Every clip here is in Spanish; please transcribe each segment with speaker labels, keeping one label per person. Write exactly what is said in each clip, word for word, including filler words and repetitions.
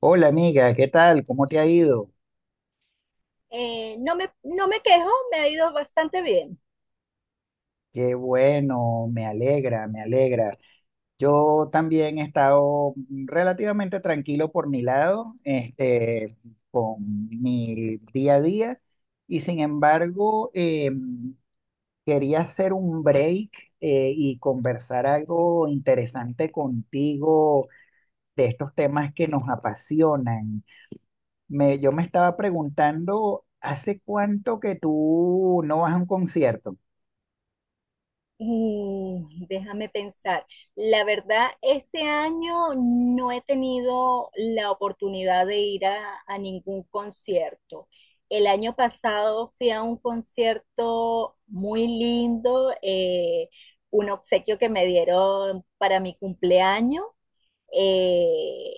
Speaker 1: Hola amiga, ¿qué tal? ¿Cómo te ha ido?
Speaker 2: Eh, no me, no me quejo, me ha ido bastante bien.
Speaker 1: Qué bueno, me alegra, me alegra. Yo también he estado relativamente tranquilo por mi lado, este, con mi día a día, y sin embargo, eh, quería hacer un break, eh, y conversar algo interesante contigo de estos temas que nos apasionan. Me, yo me estaba preguntando, ¿hace cuánto que tú no vas a un concierto?
Speaker 2: Mm, déjame pensar. La verdad, este año no he tenido la oportunidad de ir a, a ningún concierto. El año pasado fui a un concierto muy lindo, eh, un obsequio que me dieron para mi cumpleaños. eh,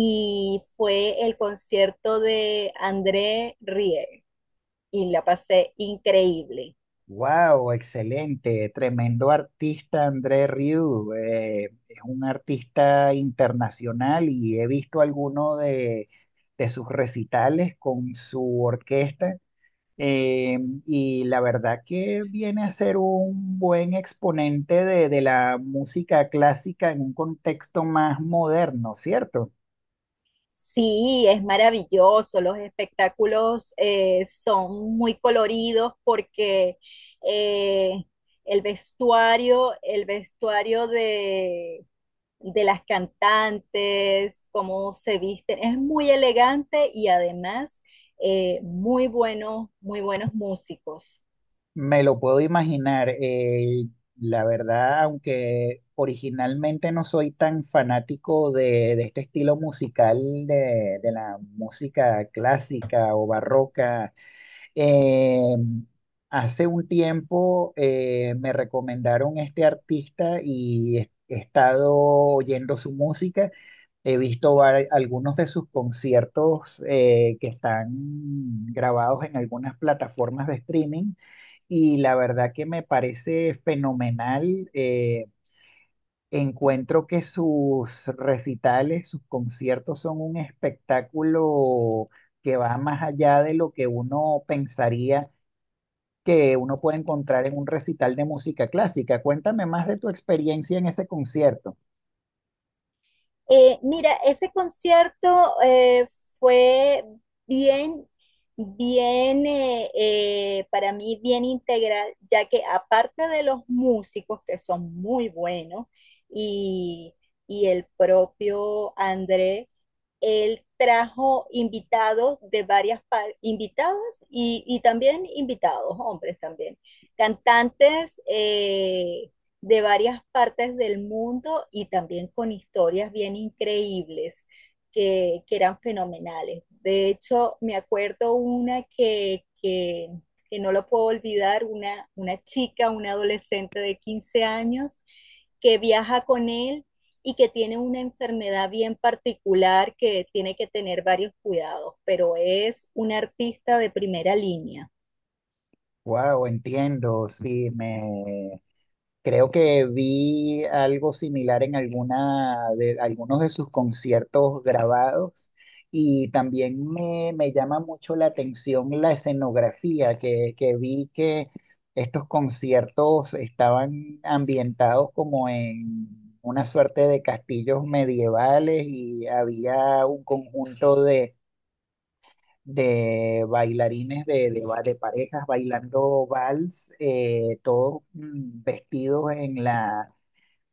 Speaker 2: y fue el concierto de André Rie. Y la pasé increíble.
Speaker 1: Wow, excelente, tremendo artista André Rieu. Eh, es un artista internacional y he visto alguno de, de sus recitales con su orquesta. eh, y la verdad que viene a ser un buen exponente de, de la música clásica en un contexto más moderno, ¿cierto?
Speaker 2: Sí, es maravilloso, los espectáculos eh, son muy coloridos porque eh, el vestuario, el vestuario de, de las cantantes, cómo se visten, es muy elegante y además eh, muy buenos, muy buenos músicos.
Speaker 1: Me lo puedo imaginar. Eh, la verdad, aunque originalmente no soy tan fanático de, de este estilo musical de, de la música clásica o barroca, eh, hace un tiempo eh, me recomendaron este artista y he, he estado oyendo su música. He visto vari- algunos de sus conciertos eh, que están grabados en algunas plataformas de streaming y la verdad que me parece fenomenal. Eh, encuentro que sus recitales, sus conciertos son un espectáculo que va más allá de lo que uno pensaría que uno puede encontrar en un recital de música clásica. Cuéntame más de tu experiencia en ese concierto.
Speaker 2: Eh, mira, ese concierto eh, fue bien, bien, eh, eh, para mí bien integral, ya que aparte de los músicos que son muy buenos y, y el propio André, él trajo invitados de varias par- invitadas y, y también invitados, hombres también, cantantes eh, de varias partes del mundo y también con historias bien increíbles que, que eran fenomenales. De hecho, me acuerdo una que, que, que no lo puedo olvidar, una, una chica, una adolescente de quince años que viaja con él y que tiene una enfermedad bien particular que tiene que tener varios cuidados, pero es un artista de primera línea.
Speaker 1: Wow, entiendo, sí, me creo que vi algo similar en alguna de algunos de sus conciertos grabados y también me, me llama mucho la atención la escenografía que, que vi que estos conciertos estaban ambientados como en una suerte de castillos medievales y había un conjunto de, de bailarines de, de, ba- de parejas bailando vals, eh, todos mm, vestidos en la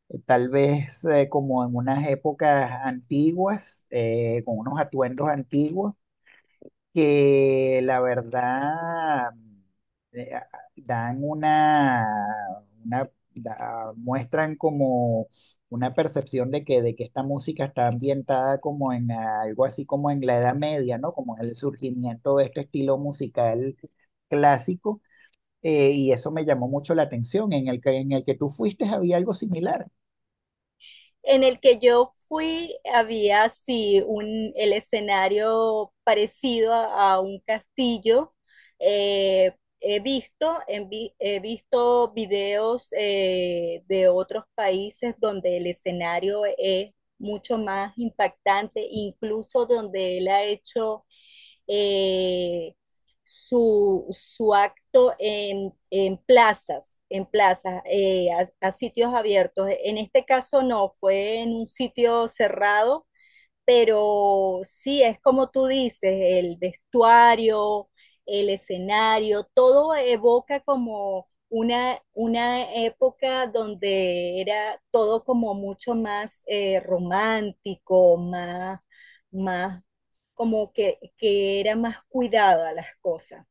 Speaker 1: eh, tal vez eh, como en unas épocas antiguas, eh, con unos atuendos antiguos, que la verdad eh, a- dan una, una da- muestran como una percepción de que, de que esta música está ambientada como en algo así como en la Edad Media, ¿no? Como en el surgimiento de este estilo musical clásico, eh, y eso me llamó mucho la atención. En el que, en el que tú fuiste había algo similar.
Speaker 2: En el que yo fui, había sí un, el escenario parecido a, a un castillo. Eh, he visto, en vi- he visto videos eh, de otros países donde el escenario es mucho más impactante, incluso donde él ha hecho eh, su, su, acto en, en, plazas, en plazas, eh, a, a, sitios abiertos. En este caso no, fue en un sitio cerrado pero sí, es como tú dices, el vestuario, el escenario, todo evoca como una, una época donde era todo como mucho más eh, romántico, más, más como que, que era más cuidado a las cosas.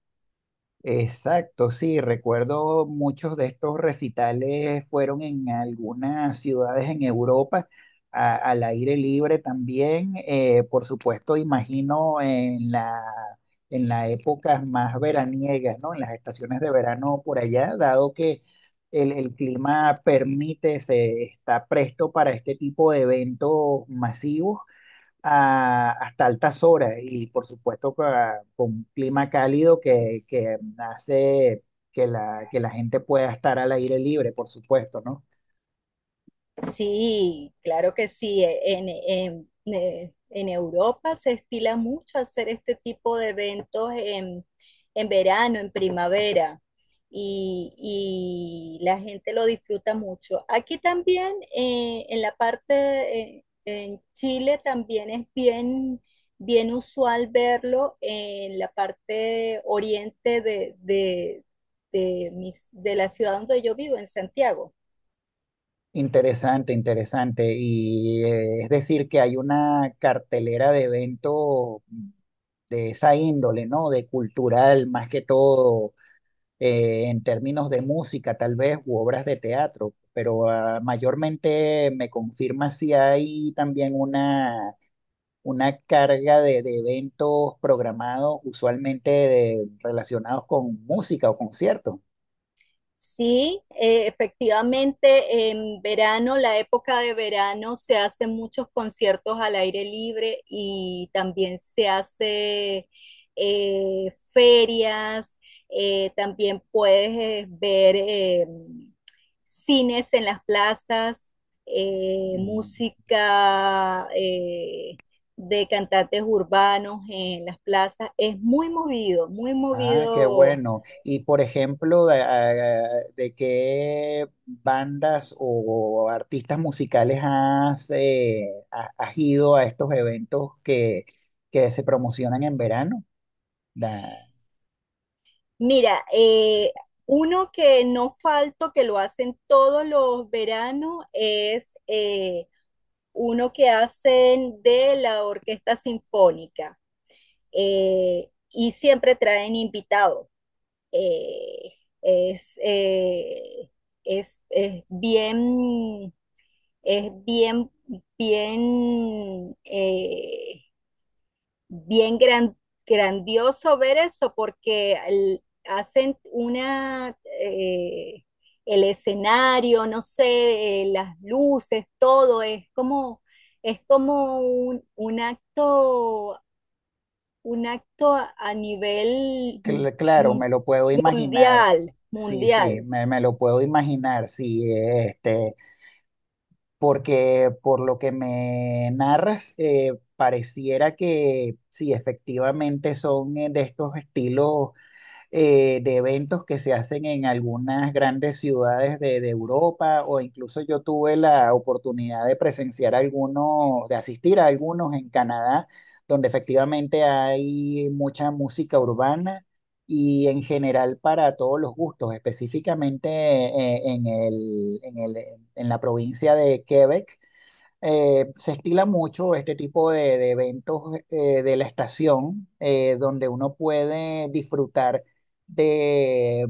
Speaker 1: Exacto, sí, recuerdo muchos de estos recitales fueron en algunas ciudades en Europa, a- al aire libre también, eh, por supuesto, imagino en la, en las épocas más veraniegas, ¿no? En las estaciones de verano por allá, dado que el, el clima permite, se está presto para este tipo de eventos masivos a- hasta altas horas y por supuesto ca- con, un clima cálido que, que hace que la, que la gente pueda estar al aire libre, por supuesto, ¿no?
Speaker 2: Sí, claro que sí. E- En, en- ne- en Europa se estila mucho hacer este tipo de eventos en, en verano, en primavera, y, y la gente lo disfruta mucho. Aquí también, eh, en la parte, eh, en Chile también es bien, bien usual verlo en la parte oriente de, de, de mis- de la ciudad donde yo vivo, en Santiago.
Speaker 1: Interesante, interesante. Y eh, es decir, que hay una cartelera de eventos de esa índole, ¿no? De cultural, más que todo, eh, en términos de música, tal vez, u obras de teatro. Pero ah, mayormente me confirma si hay también una una carga de, de eventos programados, usualmente de- relacionados con música o conciertos.
Speaker 2: Sí, eh, efectivamente, en verano, la época de verano, se hacen muchos conciertos al aire libre y también se hace eh, ferias, eh, también puedes eh, ver eh, cines en las plazas, eh,
Speaker 1: Mm.
Speaker 2: música eh, de cantantes urbanos en las plazas. Es muy movido, muy
Speaker 1: Ah, qué
Speaker 2: movido
Speaker 1: bueno. Y por ejemplo, de, a- de qué bandas o artistas musicales has, eh, ha- has ido a estos eventos que, que se promocionan en verano? Da-
Speaker 2: Mira, eh, uno que no falto, que lo hacen todos los veranos, es eh, uno que hacen de la Orquesta Sinfónica, eh, y siempre traen invitados. Eh, es, eh, es, es bien, es bien, bien eh, bien gran- grandioso ver eso porque el- hacen una, eh, el escenario, no sé, eh, las luces, todo es como, es como un, un acto, un acto a, a nivel
Speaker 1: cl- claro, me
Speaker 2: mundial,
Speaker 1: lo puedo imaginar. Sí, sí,
Speaker 2: mundial.
Speaker 1: me, me lo puedo imaginar. Sí, este. Porque por lo que me narras, eh, pareciera que sí, efectivamente son eh, de estos estilos eh, de eventos que se hacen en algunas grandes ciudades de, de Europa o incluso yo tuve la oportunidad de presenciar algunos, de asistir a algunos en Canadá, donde efectivamente hay mucha música urbana y en general para todos los gustos, específicamente eh, en el- en el- en la provincia de Quebec eh, se estila mucho este tipo de, de eventos eh, de la estación, eh, donde uno puede disfrutar de,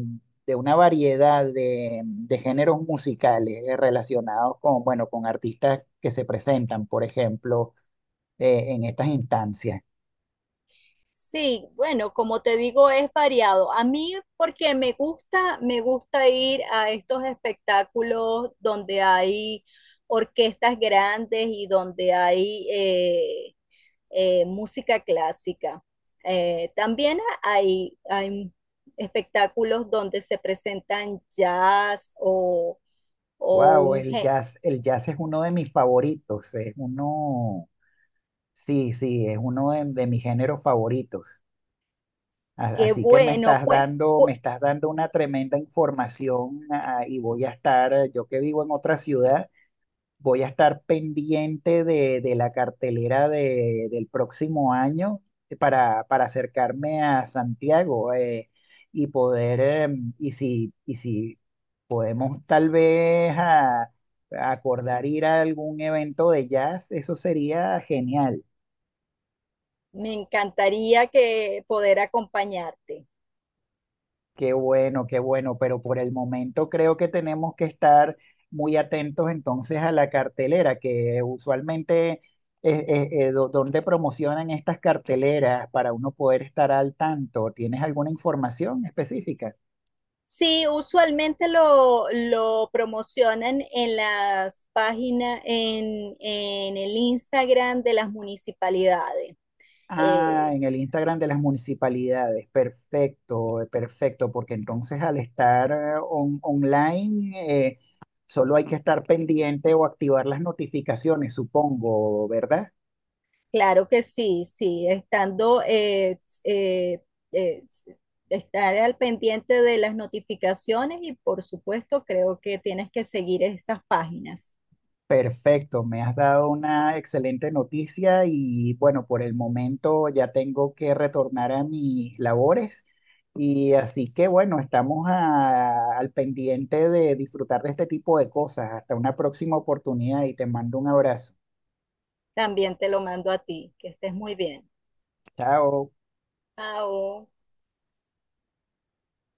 Speaker 1: de una variedad de, de géneros musicales eh, relacionados con, bueno, con artistas que se presentan, por ejemplo, eh, en estas instancias.
Speaker 2: Sí, bueno, como te digo, es variado. A mí, porque me gusta, me gusta ir a estos espectáculos donde hay orquestas grandes y donde hay eh, eh, música clásica. Eh, también hay, hay espectáculos donde se presentan jazz o, o
Speaker 1: Wow,
Speaker 2: un...
Speaker 1: el
Speaker 2: gé-
Speaker 1: jazz, el jazz es uno de mis favoritos, es uno, sí, sí, es uno de, de mis géneros favoritos. A-
Speaker 2: Qué
Speaker 1: Así que me
Speaker 2: bueno,
Speaker 1: estás
Speaker 2: pues,
Speaker 1: dando, me
Speaker 2: pues,
Speaker 1: estás dando una tremenda información, ah, y voy a estar, eh, yo que vivo en otra ciudad, voy a estar pendiente de, de la cartelera de- del próximo año para, para acercarme a Santiago, eh, y poder, em, y si, y si podemos tal vez ah, acordar ir a algún evento de jazz, eso sería genial.
Speaker 2: me encantaría que poder acompañarte.
Speaker 1: Qué bueno, qué bueno, pero por el momento creo que tenemos que estar muy atentos entonces a la cartelera, que usualmente eh, eh, eh, do- dónde promocionan estas carteleras para uno poder estar al tanto. ¿Tienes alguna información específica?
Speaker 2: Sí, usualmente lo, lo promocionan en las páginas, en, en el Instagram de las municipalidades.
Speaker 1: Ah,
Speaker 2: Eh,
Speaker 1: en el Instagram de las municipalidades. Perfecto, eh, perfecto, porque entonces al estar eh, on- online eh, solo hay que estar pendiente o activar las notificaciones, supongo, ¿verdad?
Speaker 2: claro que sí, sí, estando, eh, eh, eh, estar al pendiente de las notificaciones y por supuesto creo que tienes que seguir esas páginas.
Speaker 1: Perfecto, me has dado una excelente noticia y bueno, por el momento ya tengo que retornar a mis labores y así que bueno, estamos a- al pendiente de disfrutar de este tipo de cosas. Hasta una próxima oportunidad y te mando un abrazo.
Speaker 2: También te lo mando a ti, que estés muy bien.
Speaker 1: Chao.
Speaker 2: Chao.